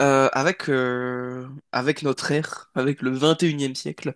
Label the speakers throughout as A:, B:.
A: Avec, avec notre ère, avec le 21e siècle,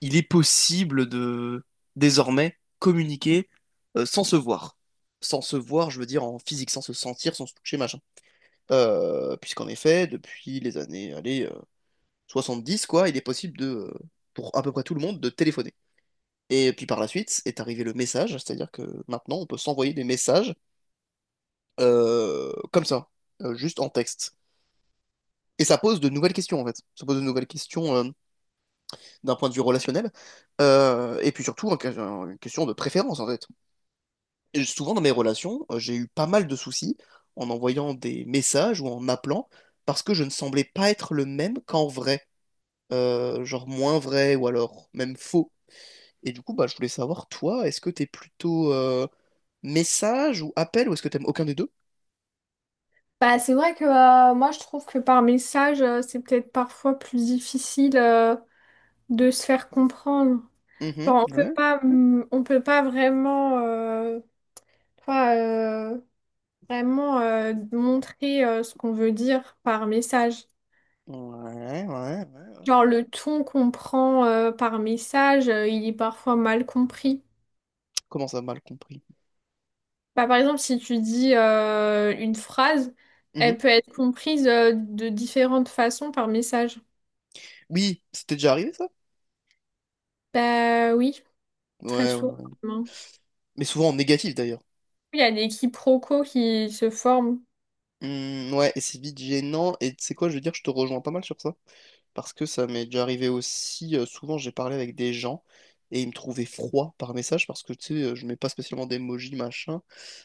A: il est possible de désormais communiquer sans se voir. Sans se voir, je veux dire en physique, sans se sentir, sans se toucher, machin. Puisqu'en effet, depuis les années, allez, dix quoi, il est possible de pour à peu près tout le monde, de téléphoner. Et puis par la suite est arrivé le message, c'est-à-dire que maintenant on peut s'envoyer des messages comme ça, juste en texte. Et ça pose de nouvelles questions en fait. Ça pose de nouvelles questions, d'un point de vue relationnel, et puis surtout question de préférence en fait. Et souvent dans mes relations, j'ai eu pas mal de soucis en envoyant des messages ou en appelant parce que je ne semblais pas être le même qu'en vrai, genre moins vrai ou alors même faux. Et du coup, bah, je voulais savoir, toi, est-ce que t'es plutôt message ou appel ou est-ce que t'aimes aucun des deux?
B: Bah, c'est vrai que moi je trouve que par message, c'est peut-être parfois plus difficile de se faire comprendre.
A: Mhm,
B: Genre
A: ouais.
B: on peut pas vraiment toi, euh, montrer ce qu'on veut dire par message.
A: Ouais, ouais, ouais.
B: Genre le ton qu'on prend par message, il est parfois mal compris.
A: Comment ça, mal compris?
B: Bah, par exemple, si tu dis une phrase, elle
A: Mhm.
B: peut être comprise de différentes façons par message.
A: Oui, c'était déjà arrivé ça?
B: Bah oui, très
A: Ouais, ouais,
B: souvent,
A: ouais.
B: hein.
A: Mais souvent en négatif d'ailleurs.
B: Il y a des quiproquos qui se forment.
A: Hmm, ouais, et c'est vite gênant. Et tu sais quoi, je veux dire, je te rejoins pas mal sur ça. Parce que ça m'est déjà arrivé aussi. Souvent, j'ai parlé avec des gens et ils me trouvaient froid par message parce que tu sais, je mets pas spécialement d'emoji, machin.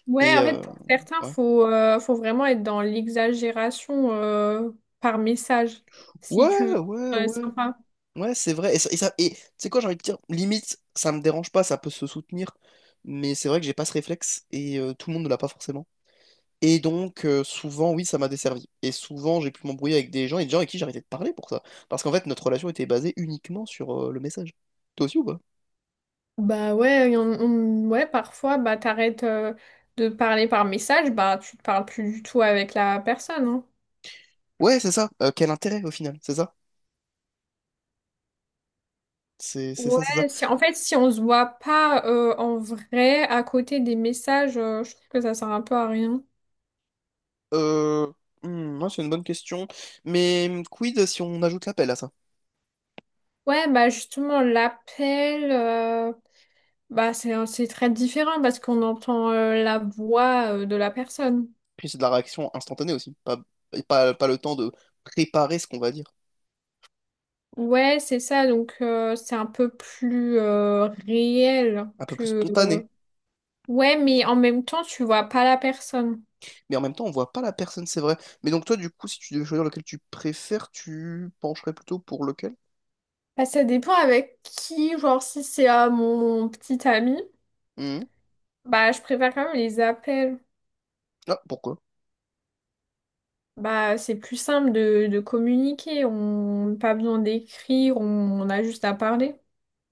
B: Ouais,
A: Et
B: en fait,
A: euh,
B: pour certains,
A: ouais.
B: faut vraiment être dans l'exagération par message, si tu veux
A: Ouais, ouais,
B: être
A: ouais.
B: sympa.
A: Ouais, c'est vrai. Et tu sais quoi, j'ai envie de dire, limite, ça me dérange pas, ça peut se soutenir. Mais c'est vrai que j'ai pas ce réflexe et tout le monde ne l'a pas forcément. Et donc, souvent, oui, ça m'a desservi. Et souvent, j'ai pu m'embrouiller avec des gens et des gens avec qui j'arrêtais de parler pour ça. Parce qu'en fait, notre relation était basée uniquement sur le message. Toi aussi ou pas?
B: Bah ouais, ouais, parfois, bah t'arrêtes de parler par message, bah tu te parles plus du tout avec la personne, hein.
A: Ouais, c'est ça. Quel intérêt au final? C'est ça? C'est ça, c'est ça.
B: Ouais, si, en fait, si on se voit pas en vrai à côté des messages, je trouve que ça sert un peu à rien.
A: Euh, hmm, ouais, c'est une bonne question. Mais hmm, quid si on ajoute l'appel à ça?
B: Ouais, bah justement, l'appel. Bah, c'est très différent parce qu'on entend la voix de la personne.
A: Puis c'est de la réaction instantanée aussi. Pas, et pas, pas le temps de préparer ce qu'on va dire.
B: Ouais, c'est ça, donc c'est un peu plus réel
A: Un peu plus
B: que...
A: spontané.
B: Ouais, mais en même temps, tu vois pas la personne.
A: Mais en même temps, on voit pas la personne, c'est vrai. Mais donc, toi, du coup, si tu devais choisir lequel tu préfères, tu pencherais plutôt pour lequel?
B: Bah, ça dépend avec qui, genre si c'est à mon petit ami,
A: Hmm.
B: bah je préfère quand même les appels.
A: Ah, pourquoi?
B: Bah c'est plus simple de communiquer, on n'a pas besoin d'écrire, on a juste à parler.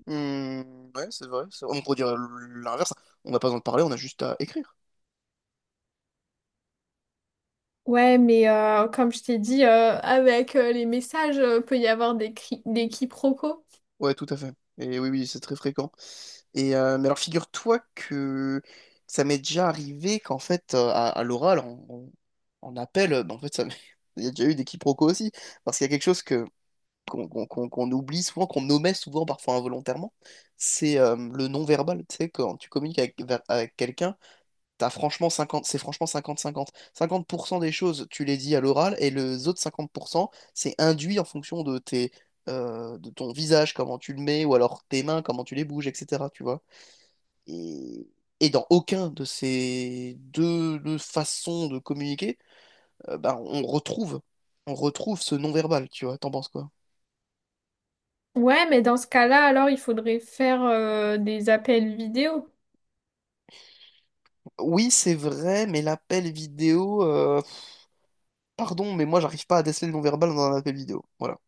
A: Hmm, ouais, c'est vrai. On pourrait dire l'inverse. On n'a pas besoin de parler, on a juste à écrire.
B: Ouais, mais comme je t'ai dit, avec les messages, peut y avoir des quiproquos.
A: Ouais, tout à fait. Et oui, oui, c'est très fréquent. Et mais alors, figure-toi que ça m'est déjà arrivé qu'en fait, à l'oral, on appelle. Bah, en fait, ça m'est- il y a déjà eu des quiproquos aussi, parce qu'il y a quelque chose que qu'on qu'on- qu'on- qu'on oublie souvent, qu'on omet souvent, parfois involontairement. C'est le non-verbal. Tu sais, quand tu communiques avec quelqu'un. C'est franchement 50-50. 50% des choses, tu les dis à l'oral, et les autres 50%, c'est induit en fonction de tes, de ton visage, comment tu le mets, ou alors tes mains, comment tu les bouges, etc. Tu vois. Et, et dans aucun de ces deux façons de communiquer, ben, on retrouve ce non-verbal, tu vois. T'en penses quoi?
B: Ouais, mais dans ce cas-là, alors il faudrait faire des appels vidéo.
A: Oui, c'est vrai, mais l'appel vidéo, pardon, mais moi, j'arrive pas à déceler le non-verbal dans un appel vidéo. Voilà.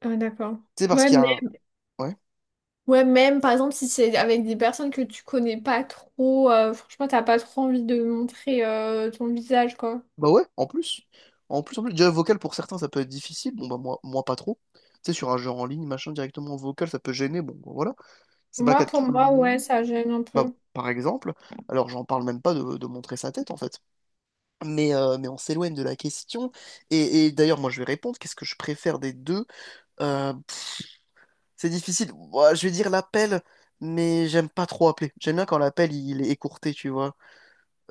B: Ah, d'accord.
A: C'est parce
B: Ouais,
A: qu'il y a
B: mais...
A: un. Ouais.
B: ouais, même par exemple, si c'est avec des personnes que tu connais pas trop, franchement, t'as pas trop envie de montrer ton visage, quoi.
A: Bah ouais, en plus. En plus, en plus, déjà vocal pour certains ça peut être difficile, bon bah moi, moi pas trop. Tu sais, sur un jeu en ligne, machin, directement en vocal, ça peut gêner, bon bah, voilà. C'est pas le cas
B: Moi,
A: de
B: pour
A: tout le
B: moi, ouais,
A: monde,
B: ça gêne un
A: bah
B: peu.
A: par exemple, alors j'en parle même pas de montrer sa tête en fait. Mais on s'éloigne de la question, et d'ailleurs moi je vais répondre, qu'est-ce que je préfère des deux? Euh, pff, c'est difficile, ouah, je vais dire l'appel, mais j'aime pas trop appeler. J'aime bien quand l'appel il est écourté, tu vois.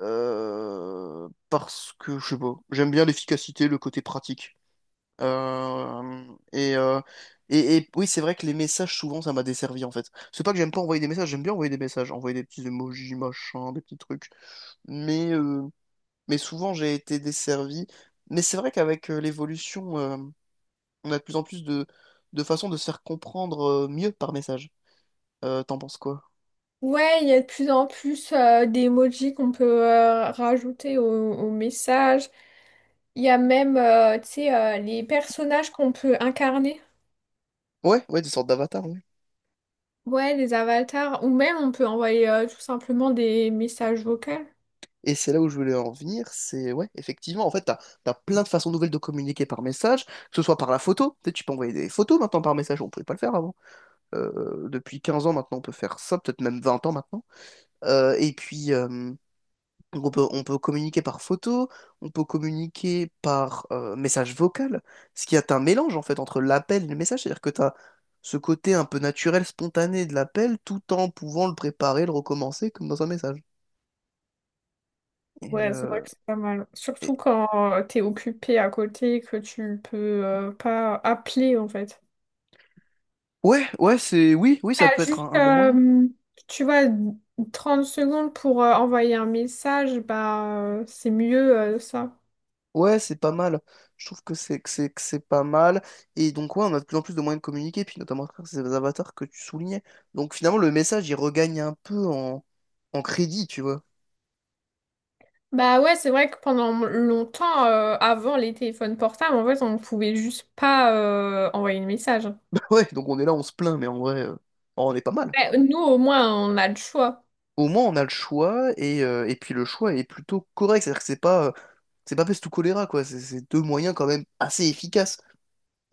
A: Parce que je sais pas, j'aime bien l'efficacité, le côté pratique. Euh, et, euh, et oui, c'est vrai que les messages, souvent, ça m'a desservi en fait. C'est pas que j'aime pas envoyer des messages, j'aime bien envoyer des messages, envoyer des petits emojis, machin, des petits trucs. Mais, euh, mais souvent, j'ai été desservi. Mais c'est vrai qu'avec l'évolution, on a de plus en plus de façons de se faire comprendre mieux par message. T'en penses quoi?
B: Ouais, il y a de plus en plus d'emojis qu'on peut rajouter au message. Il y a même, tu sais, les personnages qu'on peut incarner.
A: Ouais, ouais, des sortes d'avatars, ouais.
B: Ouais, les avatars. Ou même, on peut envoyer tout simplement des messages vocaux.
A: Et c'est là où je voulais en venir, c'est ouais, effectivement, en fait, t'as plein de façons nouvelles de communiquer par message, que ce soit par la photo, tu sais, tu peux envoyer des photos maintenant par message, on pouvait pas le faire avant. Depuis 15 ans maintenant, on peut faire ça, peut-être même 20 ans maintenant. Euh, et puis, euh, donc on peut communiquer par photo, on peut communiquer par message vocal, ce qui est un mélange en fait entre l'appel et le message, c'est-à-dire que tu as ce côté un peu naturel, spontané de l'appel, tout en pouvant le préparer, le recommencer comme dans un message. Et,
B: Ouais, c'est vrai
A: euh,
B: que c'est pas mal. Surtout
A: et-
B: quand t'es occupé à côté, et que tu peux pas appeler, en fait.
A: Ouais, ouais, c'est oui, oui, ça
B: Ah,
A: peut être
B: juste,
A: un bon moyen.
B: tu vois, 30 secondes pour envoyer un message, bah, c'est mieux ça.
A: Ouais, c'est pas mal. Je trouve que c'est pas mal. Et donc ouais, on a de plus en plus de moyens de communiquer, puis notamment à travers ces avatars que tu soulignais. Donc finalement, le message, il regagne un peu en crédit, tu vois.
B: Bah ouais, c'est vrai que pendant longtemps, avant les téléphones portables, en fait, on ne pouvait juste pas envoyer de message.
A: Ouais, donc on est là, on se plaint, mais en vrai, on est pas mal.
B: Ouais, nous, au moins, on a le choix.
A: Au moins, on a le choix, et puis le choix est plutôt correct. C'est-à-dire que c'est pas peste ou choléra, quoi. C'est deux moyens quand même assez efficaces.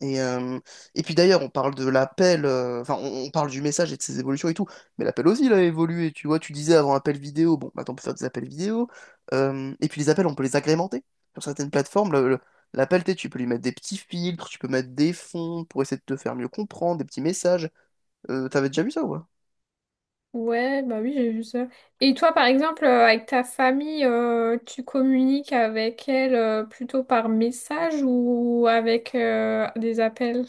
A: Et, euh, et puis d'ailleurs, on parle de l'appel, enfin, on parle du message et de ses évolutions et tout, mais l'appel aussi, il a évolué, tu vois, tu disais avant appel vidéo, bon, maintenant on peut faire des appels vidéo, et puis les appels, on peut les agrémenter. Sur certaines plateformes, l'appel, tu sais, tu peux lui mettre des petits filtres, tu peux mettre des fonds pour essayer de te faire mieux comprendre, des petits messages. T'avais déjà vu ça, ouais?
B: Ouais, bah oui, j'ai vu ça. Et toi, par exemple, avec ta famille, tu communiques avec elle plutôt par message ou avec des appels?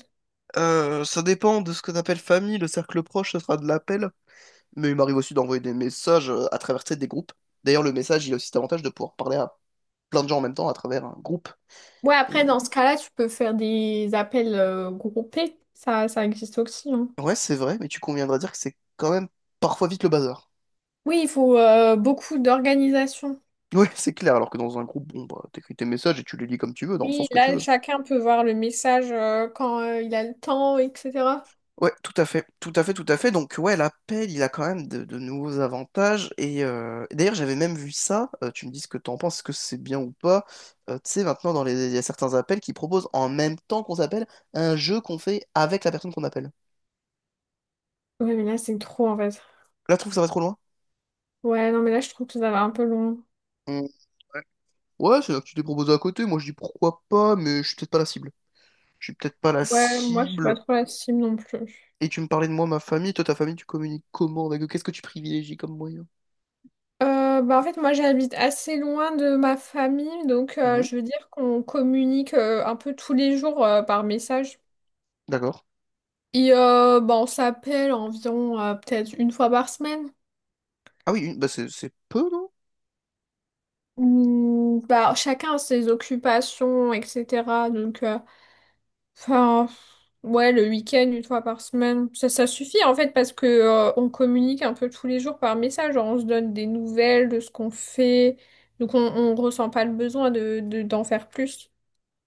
A: Ça dépend de ce que t'appelles famille, le cercle proche, ce sera de l'appel. Mais il m'arrive aussi d'envoyer des messages à travers tu sais, des groupes. D'ailleurs, le message, il a aussi cet avantage de pouvoir parler à plein de gens en même temps à travers un groupe.
B: Ouais,
A: Et,
B: après,
A: euh,
B: dans ce cas-là, tu peux faire des appels groupés. Ça existe aussi, hein.
A: Ouais, c'est vrai, mais tu conviendras dire que c'est quand même parfois vite le bazar.
B: Oui, il faut beaucoup d'organisation.
A: Ouais, c'est clair, alors que dans un groupe, bon, bah, t'écris tes messages et tu les lis comme tu veux, dans le
B: Oui,
A: sens que tu
B: là,
A: veux.
B: chacun peut voir le message quand il a le temps, etc.
A: Ouais, tout à fait, tout à fait, tout à fait. Donc, ouais, l'appel, il a quand même de nouveaux avantages. Et d'ailleurs, j'avais même vu ça. Tu me dis ce que t'en penses, est-ce que c'est bien ou pas. Tu sais, maintenant, dans il y a certains appels qui proposent en même temps qu'on s'appelle un jeu qu'on fait avec la personne qu'on appelle.
B: Ouais, mais là, c'est trop, en fait.
A: Là, je trouve que ça va trop loin?
B: Ouais, non, mais là, je trouve que ça va un peu long.
A: Mm, ouais. Ouais, c'est-à-dire que tu t'es proposé à côté. Moi, je dis pourquoi pas, mais je suis peut-être pas la cible. Je suis peut-être pas la
B: Ouais, moi, je suis pas
A: cible.
B: trop la cible non plus.
A: Et tu me parlais de moi, ma famille. Toi, ta famille, tu communiques comment avec eux? Qu'est-ce que tu privilégies comme moyen?
B: Bah, en fait, moi, j'habite assez loin de ma famille, donc
A: Mhm.
B: je veux dire qu'on communique un peu tous les jours par message.
A: D'accord.
B: Et bah, on s'appelle environ peut-être 1 fois par semaine.
A: Ah oui, bah c'est peu, non?
B: Hmm, bah, chacun a ses occupations, etc. Donc, euh, Enfin, ouais, le week-end, 1 fois par semaine, ça, ça suffit en fait parce que on communique un peu tous les jours par message, genre on se donne des nouvelles de ce qu'on fait, donc on ressent pas le besoin d'en faire plus.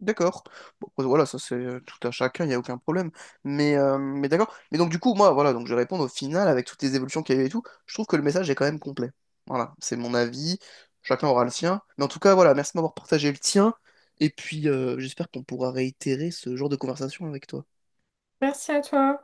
A: D'accord. Bon, après, voilà, ça c'est tout à chacun, il n'y a aucun problème. Mais d'accord. Mais donc du coup, moi, voilà, donc je vais répondre au final avec toutes les évolutions qu'il y a eu et tout. Je trouve que le message est quand même complet. Voilà, c'est mon avis. Chacun aura le sien. Mais en tout cas, voilà, merci de m'avoir partagé le tien. Et puis, j'espère qu'on pourra réitérer ce genre de conversation avec toi.
B: Merci à toi.